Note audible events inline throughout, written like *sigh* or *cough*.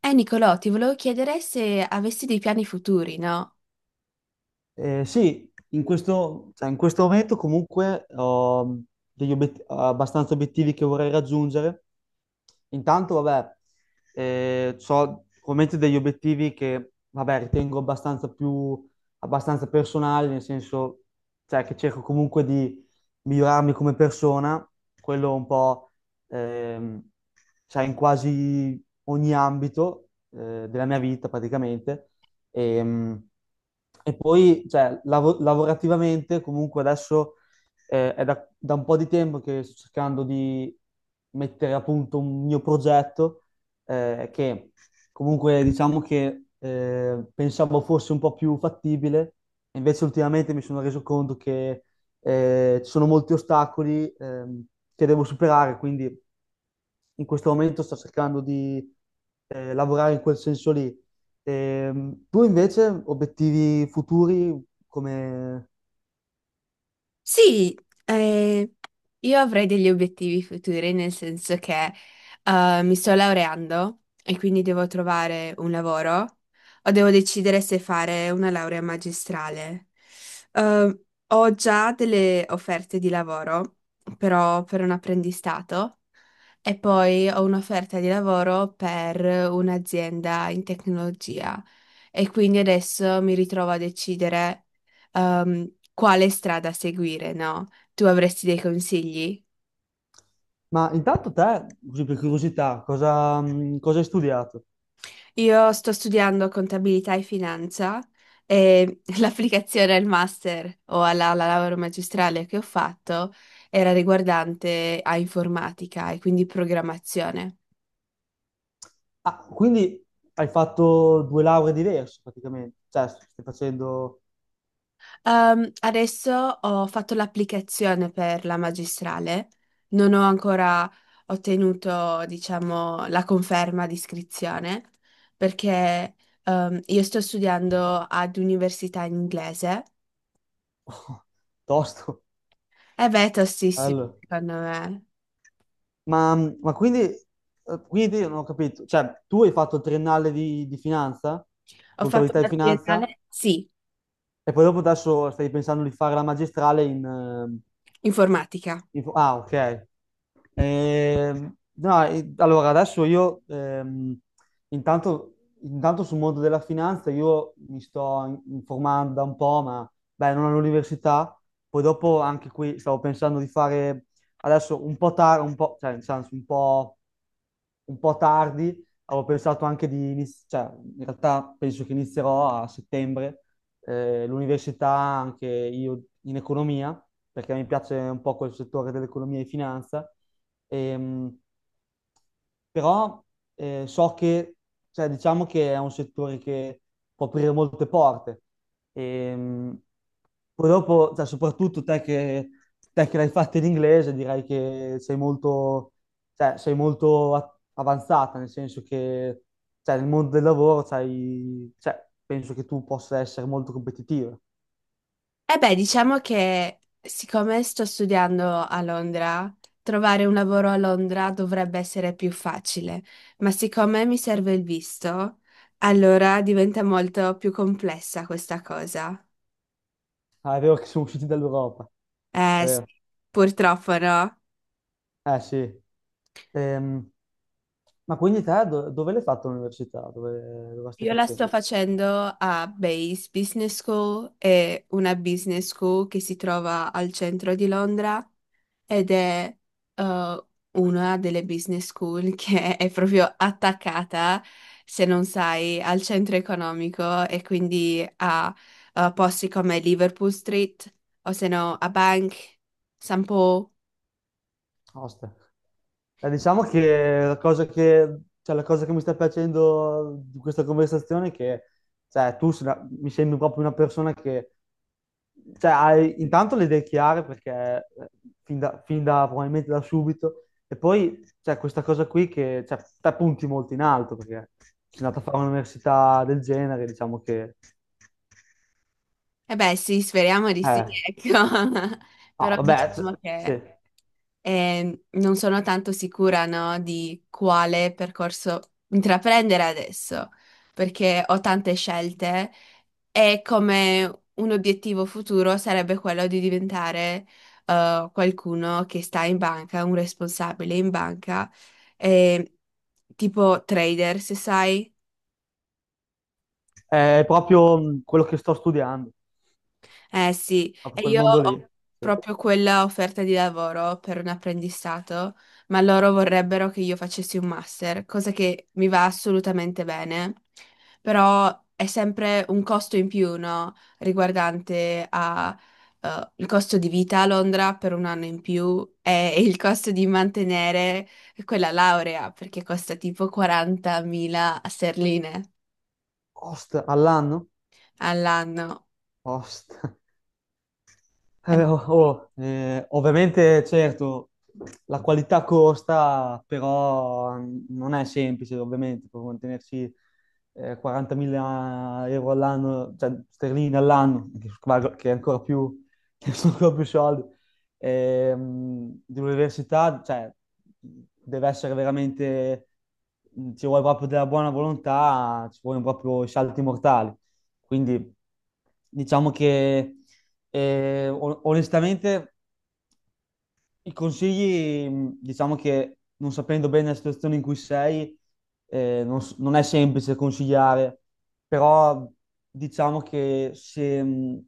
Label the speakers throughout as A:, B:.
A: Nicolò, ti volevo chiedere se avessi dei piani futuri, no?
B: Sì, in questo, cioè, in questo momento comunque ho abbastanza obiettivi che vorrei raggiungere. Intanto, vabbè, ho ovviamente degli obiettivi che, vabbè, ritengo abbastanza personali, nel senso, cioè, che cerco comunque di migliorarmi come persona, quello un po', ehm, sai, in quasi ogni ambito, della mia vita praticamente. Ehm, E poi, cioè, lavorativamente, comunque adesso è da un po' di tempo che sto cercando di mettere a punto un mio progetto, che comunque diciamo che pensavo fosse un po' più fattibile, e invece ultimamente mi sono reso conto che ci sono molti ostacoli che devo superare, quindi in questo momento sto cercando di lavorare in quel senso lì. Tu invece, obiettivi futuri, come...
A: Sì, eh, Io avrei degli obiettivi futuri, nel senso che mi sto laureando e quindi devo trovare un lavoro o devo decidere se fare una laurea magistrale. Eh, ho già delle offerte di lavoro, però per un apprendistato. E poi ho un'offerta di lavoro per un'azienda in tecnologia e quindi adesso mi ritrovo a decidere quale strada seguire, no? Tu avresti dei consigli?
B: Ma intanto te, così per curiosità, cosa, cosa hai studiato?
A: Io sto studiando contabilità e finanza e *laughs* l'applicazione al master o alla laurea magistrale che ho fatto era riguardante a informatica e quindi programmazione.
B: Ah, quindi hai fatto due lauree diverse praticamente, cioè stai facendo
A: Adesso ho fatto l'applicazione per la magistrale, non ho ancora ottenuto, diciamo, la conferma di iscrizione perché io sto studiando ad università in inglese.
B: *laughs* tosto.
A: E beh, è tostissimo,
B: Allora,
A: secondo me.
B: ma quindi, quindi io non ho capito, cioè tu hai fatto il triennale di finanza,
A: Ho fatto
B: contabilità e
A: una
B: finanza,
A: triennale, sì,
B: e poi dopo adesso stai pensando di fare la magistrale in, ehm...
A: informatica.
B: Ah, ok. No, allora adesso io intanto, intanto sul mondo della finanza io mi sto informando da un po', ma beh, non all'università. Poi dopo anche qui stavo pensando di fare adesso un po' tardi, un po', cioè nel senso un po' tardi, avevo pensato anche di iniziare, cioè in realtà penso che inizierò a settembre l'università anche io in economia, perché mi piace un po' quel settore dell'economia e finanza. Ehm, Però so che, cioè, diciamo che è un settore che può aprire molte porte. Ehm, Poi dopo, cioè, soprattutto te che l'hai fatta in inglese, direi che sei molto, cioè, sei molto avanzata, nel senso che cioè, nel mondo del lavoro cioè, penso che tu possa essere molto competitiva.
A: Eh beh, diciamo che siccome sto studiando a Londra, trovare un lavoro a Londra dovrebbe essere più facile, ma siccome mi serve il visto, allora diventa molto più complessa questa cosa.
B: Ah, è vero che siamo usciti dall'Europa, è
A: Eh sì,
B: vero.
A: purtroppo no.
B: Eh sì. Ehm, ma quindi te dove l'hai fatto l'università? Dove, dove la stai
A: Io la sto
B: facendo?
A: facendo a Base Business School, è una business school che si trova al centro di Londra. Ed è eh, una delle business school *laughs* che è proprio attaccata, se non sai, al centro economico e quindi a posti come Liverpool Street o se no a Bank, San Po.
B: Ostia. Diciamo che cioè, la cosa che mi sta piacendo di questa conversazione è che cioè, tu se la- mi sembri proprio una persona che cioè, hai intanto le idee chiare perché probabilmente da subito, e poi c'è questa cosa qui che cioè, te punti molto in alto perché sei andato a fare un'università del genere, diciamo che...
A: E beh, sì, speriamo di sì,
B: Eh,
A: *laughs* ecco. Però
B: ah, vabbè,
A: diciamo che
B: sì.
A: non sono tanto sicura, no, di quale percorso intraprendere adesso, perché ho tante scelte. E come un obiettivo futuro sarebbe quello di diventare qualcuno che sta in banca, un responsabile in banca, eh, tipo trader, se sai.
B: È proprio quello che sto studiando,
A: Eh sì,
B: proprio
A: e
B: quel
A: io
B: mondo
A: ho
B: lì. Sì.
A: proprio quella offerta di lavoro per un apprendistato, ma loro vorrebbero che io facessi un master, cosa che mi va assolutamente bene, però è sempre un costo in più, no? Riguardante a, il costo di vita a Londra per un anno in più e il costo di mantenere quella laurea, perché costa tipo 40.000 sterline
B: Post all'anno?
A: all'anno.
B: Post.
A: Eh,
B: Oh, oh, ovviamente, certo, la qualità costa, però non è semplice, ovviamente, per mantenersi 40.000 euro all'anno, cioè sterline all'anno, che, che è ancora più, *laughs* che sono ancora più soldi, di università, cioè, deve essere veramente, ci vuole proprio della buona volontà, ci vogliono proprio i salti mortali. Quindi diciamo che onestamente, i consigli, diciamo che non sapendo bene la situazione in cui sei, non è semplice consigliare, però diciamo che se,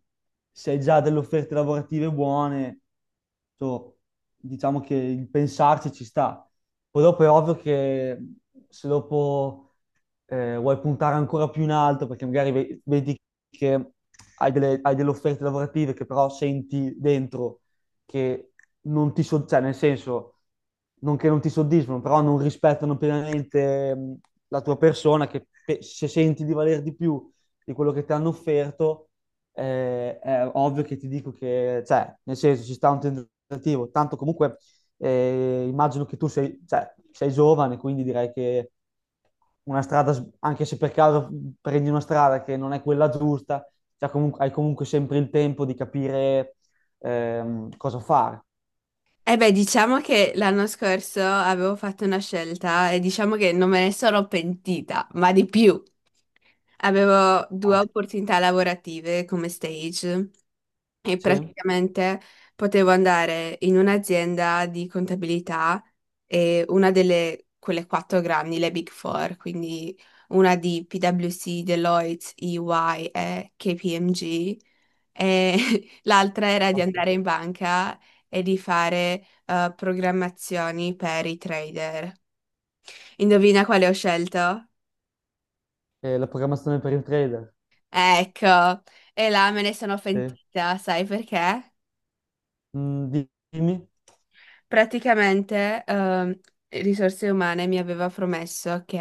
B: se hai già delle offerte lavorative buone, so, diciamo che il pensarci ci sta. Poi dopo è ovvio che se dopo vuoi puntare ancora più in alto perché magari vedi che hai delle offerte lavorative che però senti dentro che non ti soddisfano, cioè nel senso, non che non ti soddisfano, però non rispettano pienamente la tua persona, che se senti di valer di più di quello che ti hanno offerto, è ovvio che ti dico che, cioè, nel senso, ci sta un tentativo, tanto comunque immagino che tu sei, cioè, sei giovane, quindi direi che una strada, anche se per caso prendi una strada che non è quella giusta, cioè hai comunque sempre il tempo di capire cosa fare.
A: Eh beh, diciamo che l'anno scorso avevo fatto una scelta e diciamo che non me ne sono pentita, ma di più. Avevo due opportunità lavorative come stage e
B: Sì?
A: praticamente potevo andare in un'azienda di contabilità e una delle quelle quattro grandi, le Big Four, quindi una di PwC, Deloitte, EY e KPMG. E *laughs* l'altra era di
B: Basta.
A: andare in banca e di fare programmazioni per i trader. Indovina quale ho scelto?
B: E la programmazione per il trader?
A: Ecco, e là me ne sono
B: Sì.
A: pentita, sai perché?
B: Mm, dimmi?
A: Praticamente Risorse Umane mi aveva promesso che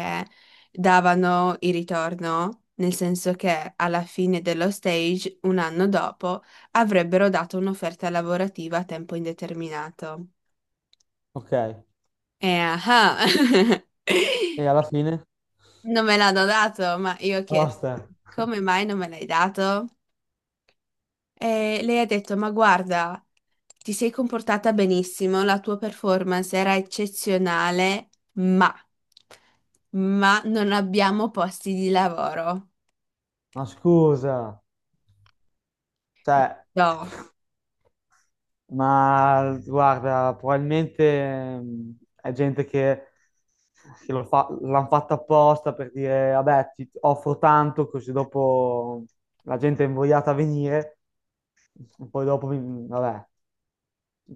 A: davano il ritorno, nel senso che alla fine dello stage, un anno dopo, avrebbero dato un'offerta lavorativa a tempo indeterminato.
B: Ok. E
A: Eh, ah, *laughs*
B: alla fine?
A: non me l'hanno dato, ma io ho chiesto,
B: Basta. *laughs*
A: come mai non me l'hai dato? E lei ha detto: Ma guarda, ti sei comportata benissimo, la tua performance era eccezionale, ma non abbiamo posti di lavoro.
B: Ma scusa, cioè...
A: No.
B: Ma guarda, probabilmente mh, è gente che lo fa, l'hanno fatta apposta per dire, vabbè, ti offro tanto, così dopo la gente è invogliata a venire, e poi dopo, vabbè,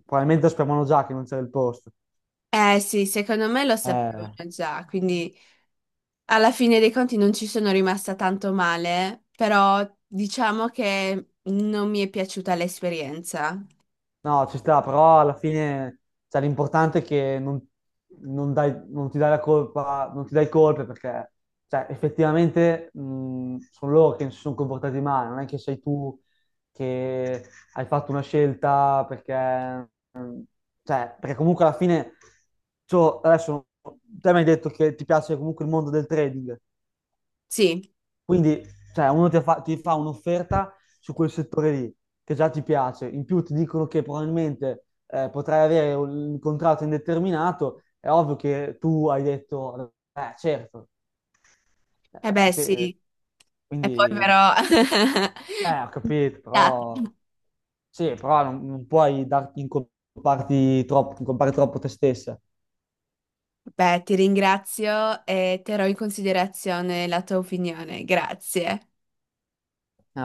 B: probabilmente sapevano già che non c'era il posto.
A: Eh sì, secondo me lo sapevano
B: Eh.
A: già, quindi. Alla fine dei conti non ci sono rimasta tanto male, però diciamo che non mi è piaciuta l'esperienza.
B: No, ci sta, però alla fine cioè, l'importante è che non, non ti dai la colpa, non ti dai colpe perché cioè, effettivamente sono loro che si sono comportati male, non è che sei tu che hai fatto una scelta perché, mh, cioè, perché comunque alla fine cioè, adesso te mi hai detto che ti piace comunque il mondo del trading,
A: Sì,
B: quindi, cioè, ti fa un'offerta su quel settore lì, che già ti piace. In più ti dicono che probabilmente potrai avere un contratto indeterminato. È ovvio che tu hai detto, certo.
A: e
B: Eh, ci
A: beh
B: pe-
A: sì, e poi
B: quindi,
A: però...
B: ho
A: *laughs*
B: capito,
A: Data.
B: però... Sì, però non puoi darti in comparti troppo, in troppo te stessa.
A: Beh, ti ringrazio e terrò in considerazione la tua opinione, grazie.
B: Eh,